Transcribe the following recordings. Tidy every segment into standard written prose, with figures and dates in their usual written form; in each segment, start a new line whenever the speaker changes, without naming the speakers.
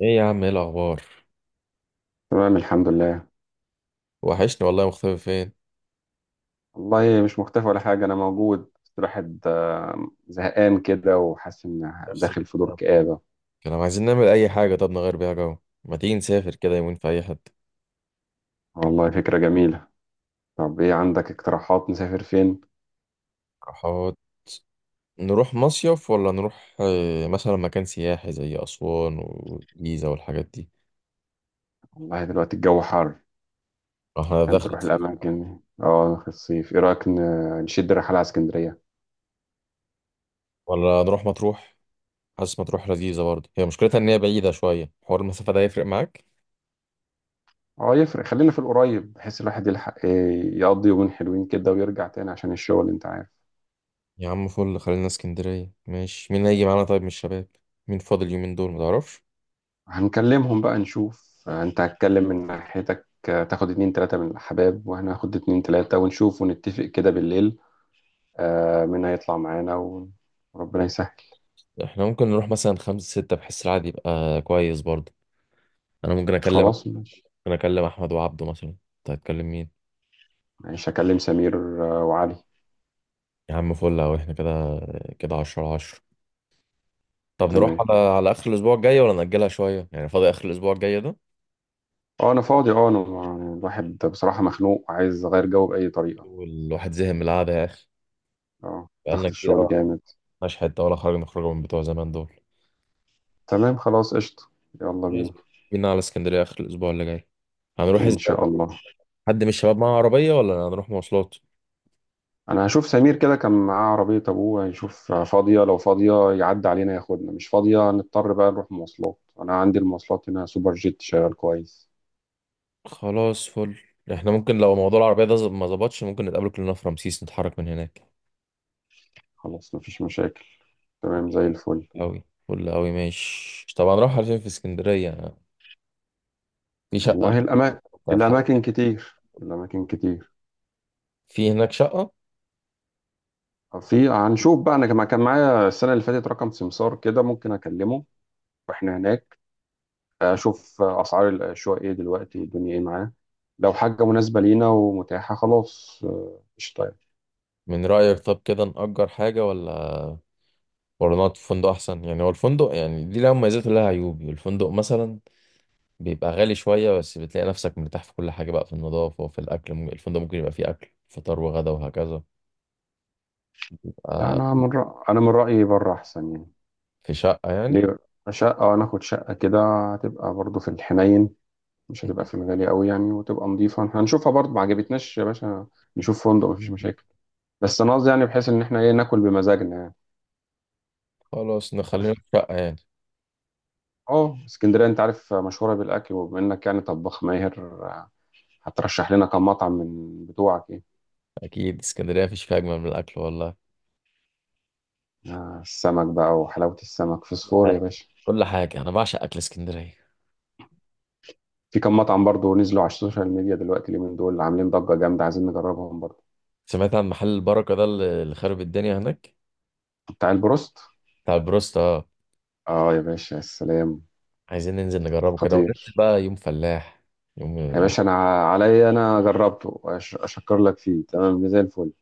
ايه يا عم، ايه الاخبار؟
تمام، الحمد لله.
وحشني والله، مختفي فين؟
والله مش مختفي ولا حاجة، أنا موجود بس الواحد زهقان كده وحاسس إن
نفس
داخل في دور
الكلام.
كآبة.
كانوا عايزين نعمل اي حاجه، طب نغير بيها جو. ما تيجي نسافر كده يومين في اي حته.
والله فكرة جميلة. طب إيه عندك اقتراحات نسافر فين؟
احاول نروح مصيف ولا نروح مثلا مكان سياحي زي اسوان والجيزه والحاجات دي.
والله دلوقتي الجو حر
احنا
عشان تروح
دخلت صيف.
الأماكن دي. اه، في الصيف إيه رأيك نشد رحلة على اسكندرية؟
ولا نروح مطروح؟ حاسس مطروح لذيذه برضه، هي مشكلتها ان هي بعيده شويه، حوار المسافه ده يفرق معاك.
اه يفرق، خلينا في القريب بحيث الواحد يلحق يقضي يومين حلوين كده ويرجع تاني عشان الشغل أنت عارف.
يا عم فل، خلينا اسكندريه. ماشي، مين هيجي معانا طيب من الشباب؟ مين فاضل اليومين دول ما تعرفش؟
هنكلمهم بقى نشوف، انت هتكلم من ناحيتك، تاخد اتنين تلاتة من الحباب وانا هاخد اتنين تلاتة ونشوف ونتفق كده بالليل. مين هيطلع معانا وربنا يسهل.
احنا ممكن نروح مثلا خمسة ستة، بحس العادي يبقى كويس برضه. انا ممكن اكلم.
خلاص ماشي.
ممكن اكلم احمد وعبده مثلا، انت هتكلم مين؟
ماشي هكلم سمير وعلي.
يا عم فل، اهو احنا كده، كده 10 على 10. طب نروح
تمام.
على اخر الاسبوع الجاي ولا نأجلها شوية؟ يعني فاضي اخر الاسبوع الجاي ده.
اه انا فاضي، اه انا يعني الواحد بصراحة مخنوق وعايز اغير جو بأي طريقة.
والواحد زهق من القعدة يا اخي،
اه
بقالنا
ضغط
كتير
الشغل
قوي،
جامد.
مش حتة ولا خرجنا خروجه من بتوع زمان دول.
تمام خلاص قشطة. يلا
خلاص
بينا.
بقى. بينا على اسكندرية اخر الاسبوع اللي جاي. هنروح
ان
ازاي؟
شاء
طيب؟
الله.
حد من الشباب معاه عربية ولا هنروح مواصلات؟
انا هشوف سمير، كده كان معاه عربية ابوه، هيشوف فاضية، لو فاضية يعدي علينا ياخدنا، مش فاضية نضطر بقى نروح مواصلات. انا عندي المواصلات هنا سوبر جيت شغال كويس.
خلاص فل. احنا ممكن لو موضوع العربية ده ما ظبطش، ممكن نتقابل كلنا في رمسيس، نتحرك من هناك.
خلاص مفيش مشاكل. تمام زي الفل.
أوي فل أوي، ماشي. طبعا نروح على فين في اسكندرية؟ في شقة
والله الاماكن،
بتاعت حلقة؟
الاماكن كتير، الاماكن كتير.
في هناك شقة.
في هنشوف بقى، انا كما كان معايا السنة اللي فاتت رقم سمسار كده، ممكن اكلمه واحنا هناك، اشوف اسعار الشقق ايه دلوقتي، الدنيا ايه معاه. لو حاجة مناسبة لينا ومتاحة خلاص قشطة يعني.
من رأيك طب كده نأجر حاجة ولا ولا نقعد في فندق أحسن؟ يعني هو الفندق يعني دي لها مميزات ولها عيوب. الفندق مثلا بيبقى غالي شوية، بس بتلاقي نفسك مرتاح في كل حاجة بقى، في النظافة وفي الأكل. الفندق ممكن يبقى فيه أكل فطار وغدا وهكذا.
لا انا انا من رأيي بره احسن يعني.
في شقة يعني.
ليه شقة؟ وانا اخد شقة كده هتبقى برضو في الحنين، مش هتبقى في المغالي قوي يعني، وتبقى نظيفة هنشوفها برضو. ما عجبتناش يا باشا نشوف فندق مفيش مشاكل. بس انا قصدي يعني بحيث ان احنا ايه ناكل بمزاجنا يعني،
خلاص
انت عارف.
نخلينا في شقة يعني.
اه اسكندرية انت عارف مشهورة بالاكل، وبما انك يعني طباخ ماهر هترشح لنا كم مطعم من بتوعك ايه.
اكيد اسكندريه مفيش فيها اجمل من الاكل والله.
السمك بقى وحلاوة السمك فسفور
أه.
يا باشا.
كل حاجه انا بعشق اكل اسكندريه.
في كم مطعم برضو نزلوا على السوشيال ميديا دلوقتي، اليومين دول عاملين ضجة جامدة، عايزين نجربهم برضو.
سمعت عن محل البركه ده اللي خرب الدنيا هناك؟
بتاع البروست.
بتاع البروست اه.
اه يا باشا يا سلام.
عايزين ننزل نجربه كده،
خطير.
وننزل بقى يوم فلاح، يوم
يا
ناكل.
باشا انا عليا، انا جربته اشكر لك فيه، تمام زي الفل.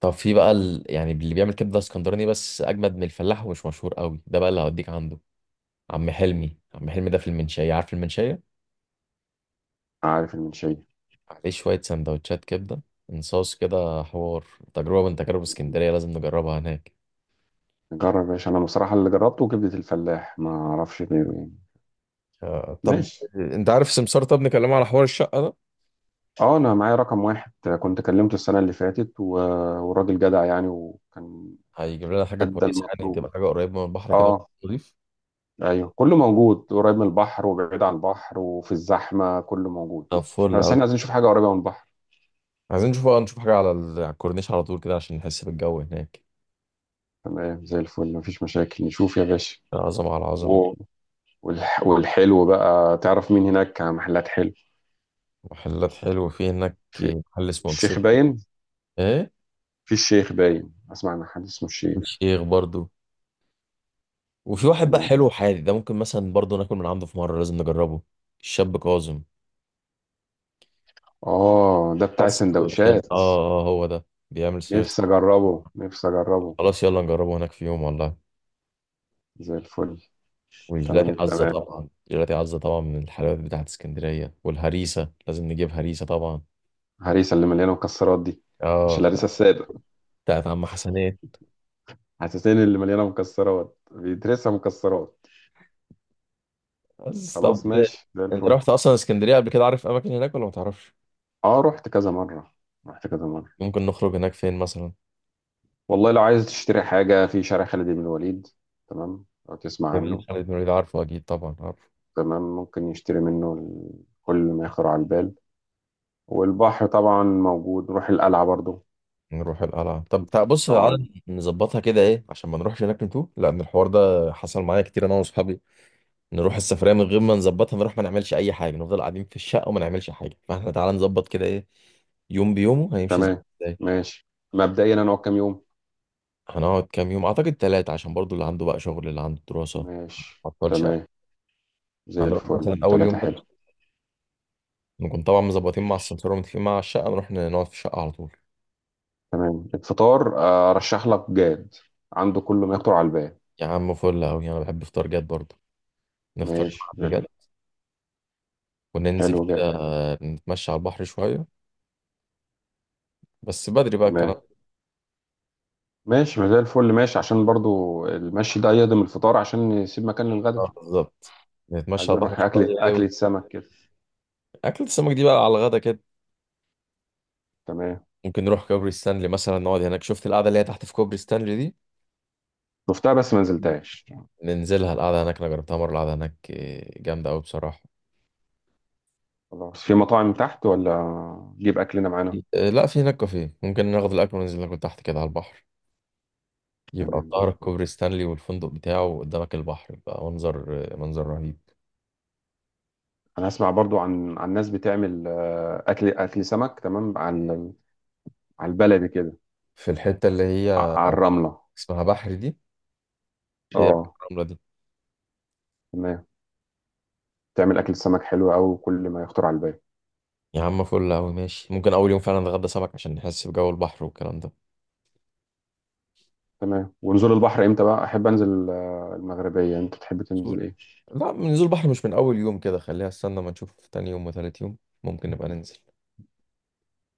طب في بقى يعني اللي بيعمل كبده اسكندراني بس اجمد من الفلاح ومش مشهور قوي، ده بقى اللي هوديك عنده. عم حلمي، عم حلمي ده في المنشيه، عارف المنشيه؟
عارف المنشيه.
عليه شويه سندوتشات كبده، انصاص كده، حوار. تجربه من تجارب اسكندريه لازم نجربها هناك.
جرب يا باشا، انا بصراحه اللي جربته كبده الفلاح، ما اعرفش غيره يعني.
طب
ماشي.
انت عارف سمسار؟ طب نكلمه على حوار الشقه ده.
اه انا معايا رقم واحد، كنت كلمته السنه اللي فاتت وراجل جدع يعني، وكان
هيجيب لنا حاجة
ادى
كويسة يعني،
المطلوب.
تبقى حاجة قريبة من البحر كده،
اه
ونضيف.
ايوه كله موجود، قريب من البحر وبعيد عن البحر وفي الزحمه كله موجود.
طب فل
بس
أوي.
احنا عايزين نشوف حاجه قريبه من البحر.
عايزين نشوف بقى، نشوف حاجة على على الكورنيش على طول كده، عشان نحس بالجو هناك.
تمام زي الفل مفيش مشاكل نشوف يا باشا.
عظمة على عظمة.
والحلو بقى تعرف مين هناك محلات حلو.
محلات حلوة، في هناك
في
محل اسمه
الشيخ
مكسيك.
باين.
ايه؟
في الشيخ باين، اسمع عن حد اسمه الشيخ.
الشيخ برضو. وفي واحد بقى
تمام.
حلو وحادي، ده ممكن مثلا برضو ناكل من عنده في مرة، لازم نجربه. الشاب كاظم.
اه ده
بتاع
بتاع
السندوتشات اه،
السندوتشات.
اه هو ده بيعمل سندوتشات.
نفسي اجربه، نفسي اجربه.
خلاص يلا نجربه هناك في يوم والله.
زي الفل. تمام
والجيلاتي عزة
التمام.
طبعا، جيلاتي عزة طبعا، من الحلويات بتاعت اسكندرية. والهريسة لازم نجيب هريسة طبعا.
الهريسه اللي مليانه مكسرات دي، مش
اه،
الهريسه الساده.
بتاعت عم حسنات.
حساسين اللي مليانه مكسرات بيدرسها مكسرات.
بس طب.
خلاص ماشي زي
انت
الفل.
رحت اصلا اسكندرية قبل كده، عارف اماكن هناك ولا ما تعرفش؟
اه رحت كذا مره، رحت كذا مره.
ممكن نخرج هناك فين مثلا؟
والله لو عايز تشتري حاجه في شارع خالد بن الوليد، تمام، لو تسمع
جمال
عنه.
خالد بن الوليد، عارفه اكيد، طبعا عارف.
تمام ممكن يشتري منه كل ما يخطر على البال. والبحر طبعا موجود، نروح القلعة برضو.
نروح القلعة. طب بص، تعالى
نقعد.
نظبطها كده ايه، عشان ما نروحش هناك نتوه، لان الحوار ده حصل معايا كتير انا واصحابي. نروح السفرية من غير ما نظبطها، نروح ما نعملش اي حاجة، نفضل قاعدين في الشقة وما نعملش حاجة. فاحنا تعالى نظبط كده ايه. يوم بيومه هيمشي ازاي.
تمام ماشي، مبدئيا هنقعد كام يوم.
هنقعد كام يوم؟ اعتقد 3، عشان برضو اللي عنده بقى شغل، اللي عنده دراسة.
ماشي
مبطلش أوي.
تمام زي
هنروح
الفل،
مثلا اول يوم
ثلاثة
ده،
حلو.
نكون طبعا مظبطين مع السمسار ومتفقين مع الشقة، نروح نقعد في الشقة على طول.
تمام الفطار، أرشح لك جاد، عنده كل ما يخطر على البال.
يا عم فل قوي، انا بحب افطار جاد برضو. نفطر مع
ماشي زي
حد
الفل.
جد، وننزل
حلو
كده،
جاد.
نتمشى على البحر شوية، بس بدري بقى الكلام
تمام
ده.
ماشي ما زي الفل، ماشي عشان برضو المشي ده يهضم الفطار عشان يسيب مكان للغدا.
بالظبط. نتمشى
عايزين
على
نروح
البحر
أكلة،
شوية
أكلة سمك كده.
أكلة السمك دي بقى على الغدا كده.
تمام.
ممكن نروح كوبري ستانلي مثلا، نقعد هناك. شفت القعدة اللي هي تحت في كوبري ستانلي دي؟
شفتها بس ما نزلتهاش.
ننزلها، القعدة هناك أنا جربتها مرة، القعدة هناك جامدة أوي بصراحة.
خلاص، في مطاعم تحت ولا نجيب اكلنا معانا؟
لا، في هناك كافيه، ممكن ناخد الاكل وننزل ناكل تحت كده على البحر. يبقى في
تمام زي
ظهرك
الفل.
كوبري ستانلي والفندق بتاعه، وقدامك البحر، يبقى منظر، منظر رهيب.
انا اسمع برضو عن ناس بتعمل اكل، اكل سمك تمام، على على البلدي كده،
في الحتة اللي هي
على الرمله.
اسمها بحر دي. ايه؟
اه
الرملة دي.
تمام، تعمل اكل سمك حلو قوي، كل ما يخطر على البال.
يا عم فل أوي، ماشي. ممكن أول يوم فعلا نتغدى سمك عشان نحس بجو البحر والكلام ده.
تمام. ونزول البحر امتى بقى؟ احب انزل المغربيه، انت تحب تنزل
قول.
ايه؟
لا، من نزول بحر مش من أول يوم كده، خليها استنى ما نشوف تاني يوم وتالت يوم، ممكن نبقى ننزل.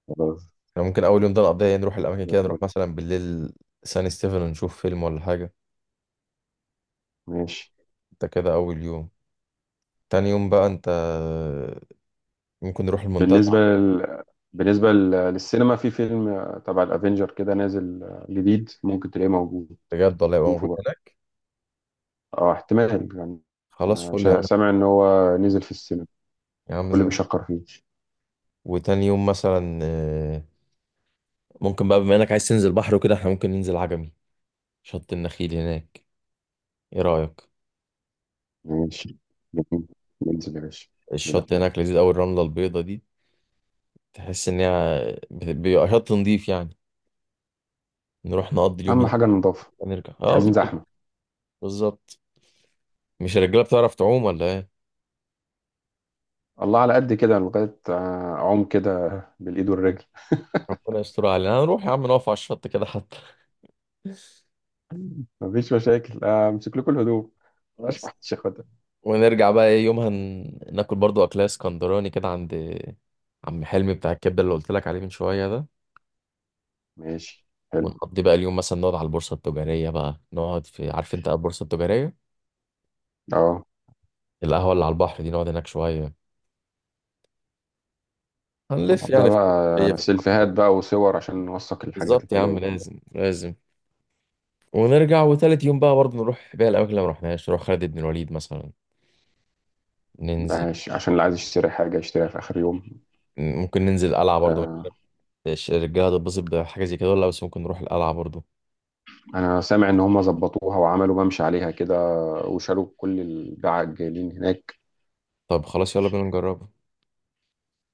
خلاص
احنا ممكن أول يوم ده نقضيه نروح الأماكن
زي
كده، نروح
الفل
مثلا بالليل سان ستيفن ونشوف فيلم ولا حاجة.
ماشي.
ده كده أول يوم. تاني يوم بقى أنت، ممكن نروح المنتزه.
بالنسبه لل... للسينما في فيلم تبع الافينجر كده نازل جديد، ممكن تلاقيه موجود.
بجد؟ ولا يبقى
شوفه
موجود
بقى.
هناك؟
اه احتمال يعني.
خلاص فل يا عم.
سامع ان هو نزل في السينما،
يا عم
كل
زي الفل.
بيشكر فيه.
وتاني يوم مثلا ممكن بقى، بما انك عايز تنزل بحر وكده، احنا ممكن ننزل عجمي، شط النخيل هناك. ايه رأيك؟
ماشي جميل، ننزل يا باشا. لا
الشط هناك لذيذ قوي، الرملة البيضة دي، تحس ان هي بيبقى شط نضيف يعني. نروح نقضي اليوم
اهم
هناك،
حاجه النظافه،
ونرجع.
مش
اه
عايزين
بالظبط.
زحمه.
بالظبط. مش الرجالة بتعرف تعوم ولا ايه؟
الله على قد كده، لغايه اعوم كده بالايد والرجل.
ربنا يستر علينا، هنروح يا عم نقف على الشط كده حتى.
مفيش مشاكل امسك لكم الهدوم. مش
بس.
محدش ياخدها.
ونرجع بقى ايه يومها، ناكل برضو اكلات اسكندراني كده عند عم حلمي، بتاع الكبده اللي قلت لك عليه من شويه ده.
ماشي حلو.
ونقضي بقى اليوم مثلا، نقعد على البورصه التجاريه بقى، نقعد في، عارف انت البورصه التجاريه؟
اه
القهوه اللي على البحر دي، نقعد هناك شويه، هنلف
ونقضيها
يعني في. هي
بقى سيلفيهات بقى وصور عشان نوثق الحاجات
بالظبط يا
الحلوه
عم،
دي.
لازم لازم. ونرجع، وتالت يوم بقى برضو نروح بقى الاماكن اللي ما رحناش، نروح خالد بن الوليد مثلا،
لا،
ننزل.
عشان اللي عايز يشتري حاجه يشتريها في اخر يوم.
ممكن ننزل القلعه برضو.
آه،
مش عارف الرجاله تتبسط بحاجه زي كده ولا لا، بس ممكن نروح القلعه برضو.
انا سامع ان هم ظبطوها وعملوا ممشى عليها كده، وشالوا كل الباعة الجايلين هناك.
طب خلاص يلا بينا نجربها.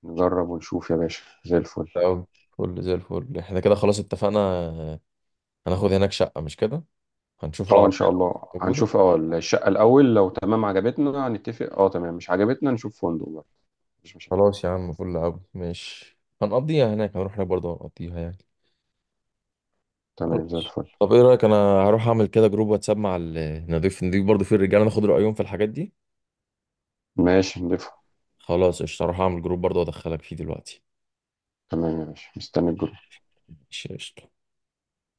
نجرب ونشوف يا باشا زي الفل.
أوي فل، زي الفل. احنا كده خلاص اتفقنا، هناخد هناك شقة، مش كده؟ هنشوف
اه ان
العربية
شاء
لو
الله.
موجودة.
هنشوف اه الشقة الاول، لو تمام عجبتنا هنتفق، اه تمام مش عجبتنا نشوف فندق بقى. مفيش مشاكل.
خلاص يا عم فل أوي، ماشي. هنقضيها هناك، هنروح هناك برضه هنقضيها يعني.
تمام زي
خلاص.
الفل.
طب ايه رأيك انا هروح اعمل كده جروب واتساب مع نضيف برضه فيه الرجالة، ناخد رأيهم في الحاجات دي.
ماشي نضيفها.
خلاص قشطة، هروح اعمل جروب برضه، وادخلك فيه دلوقتي.
تمام يا باشا، مستني الجروب.
ماشي قشطة.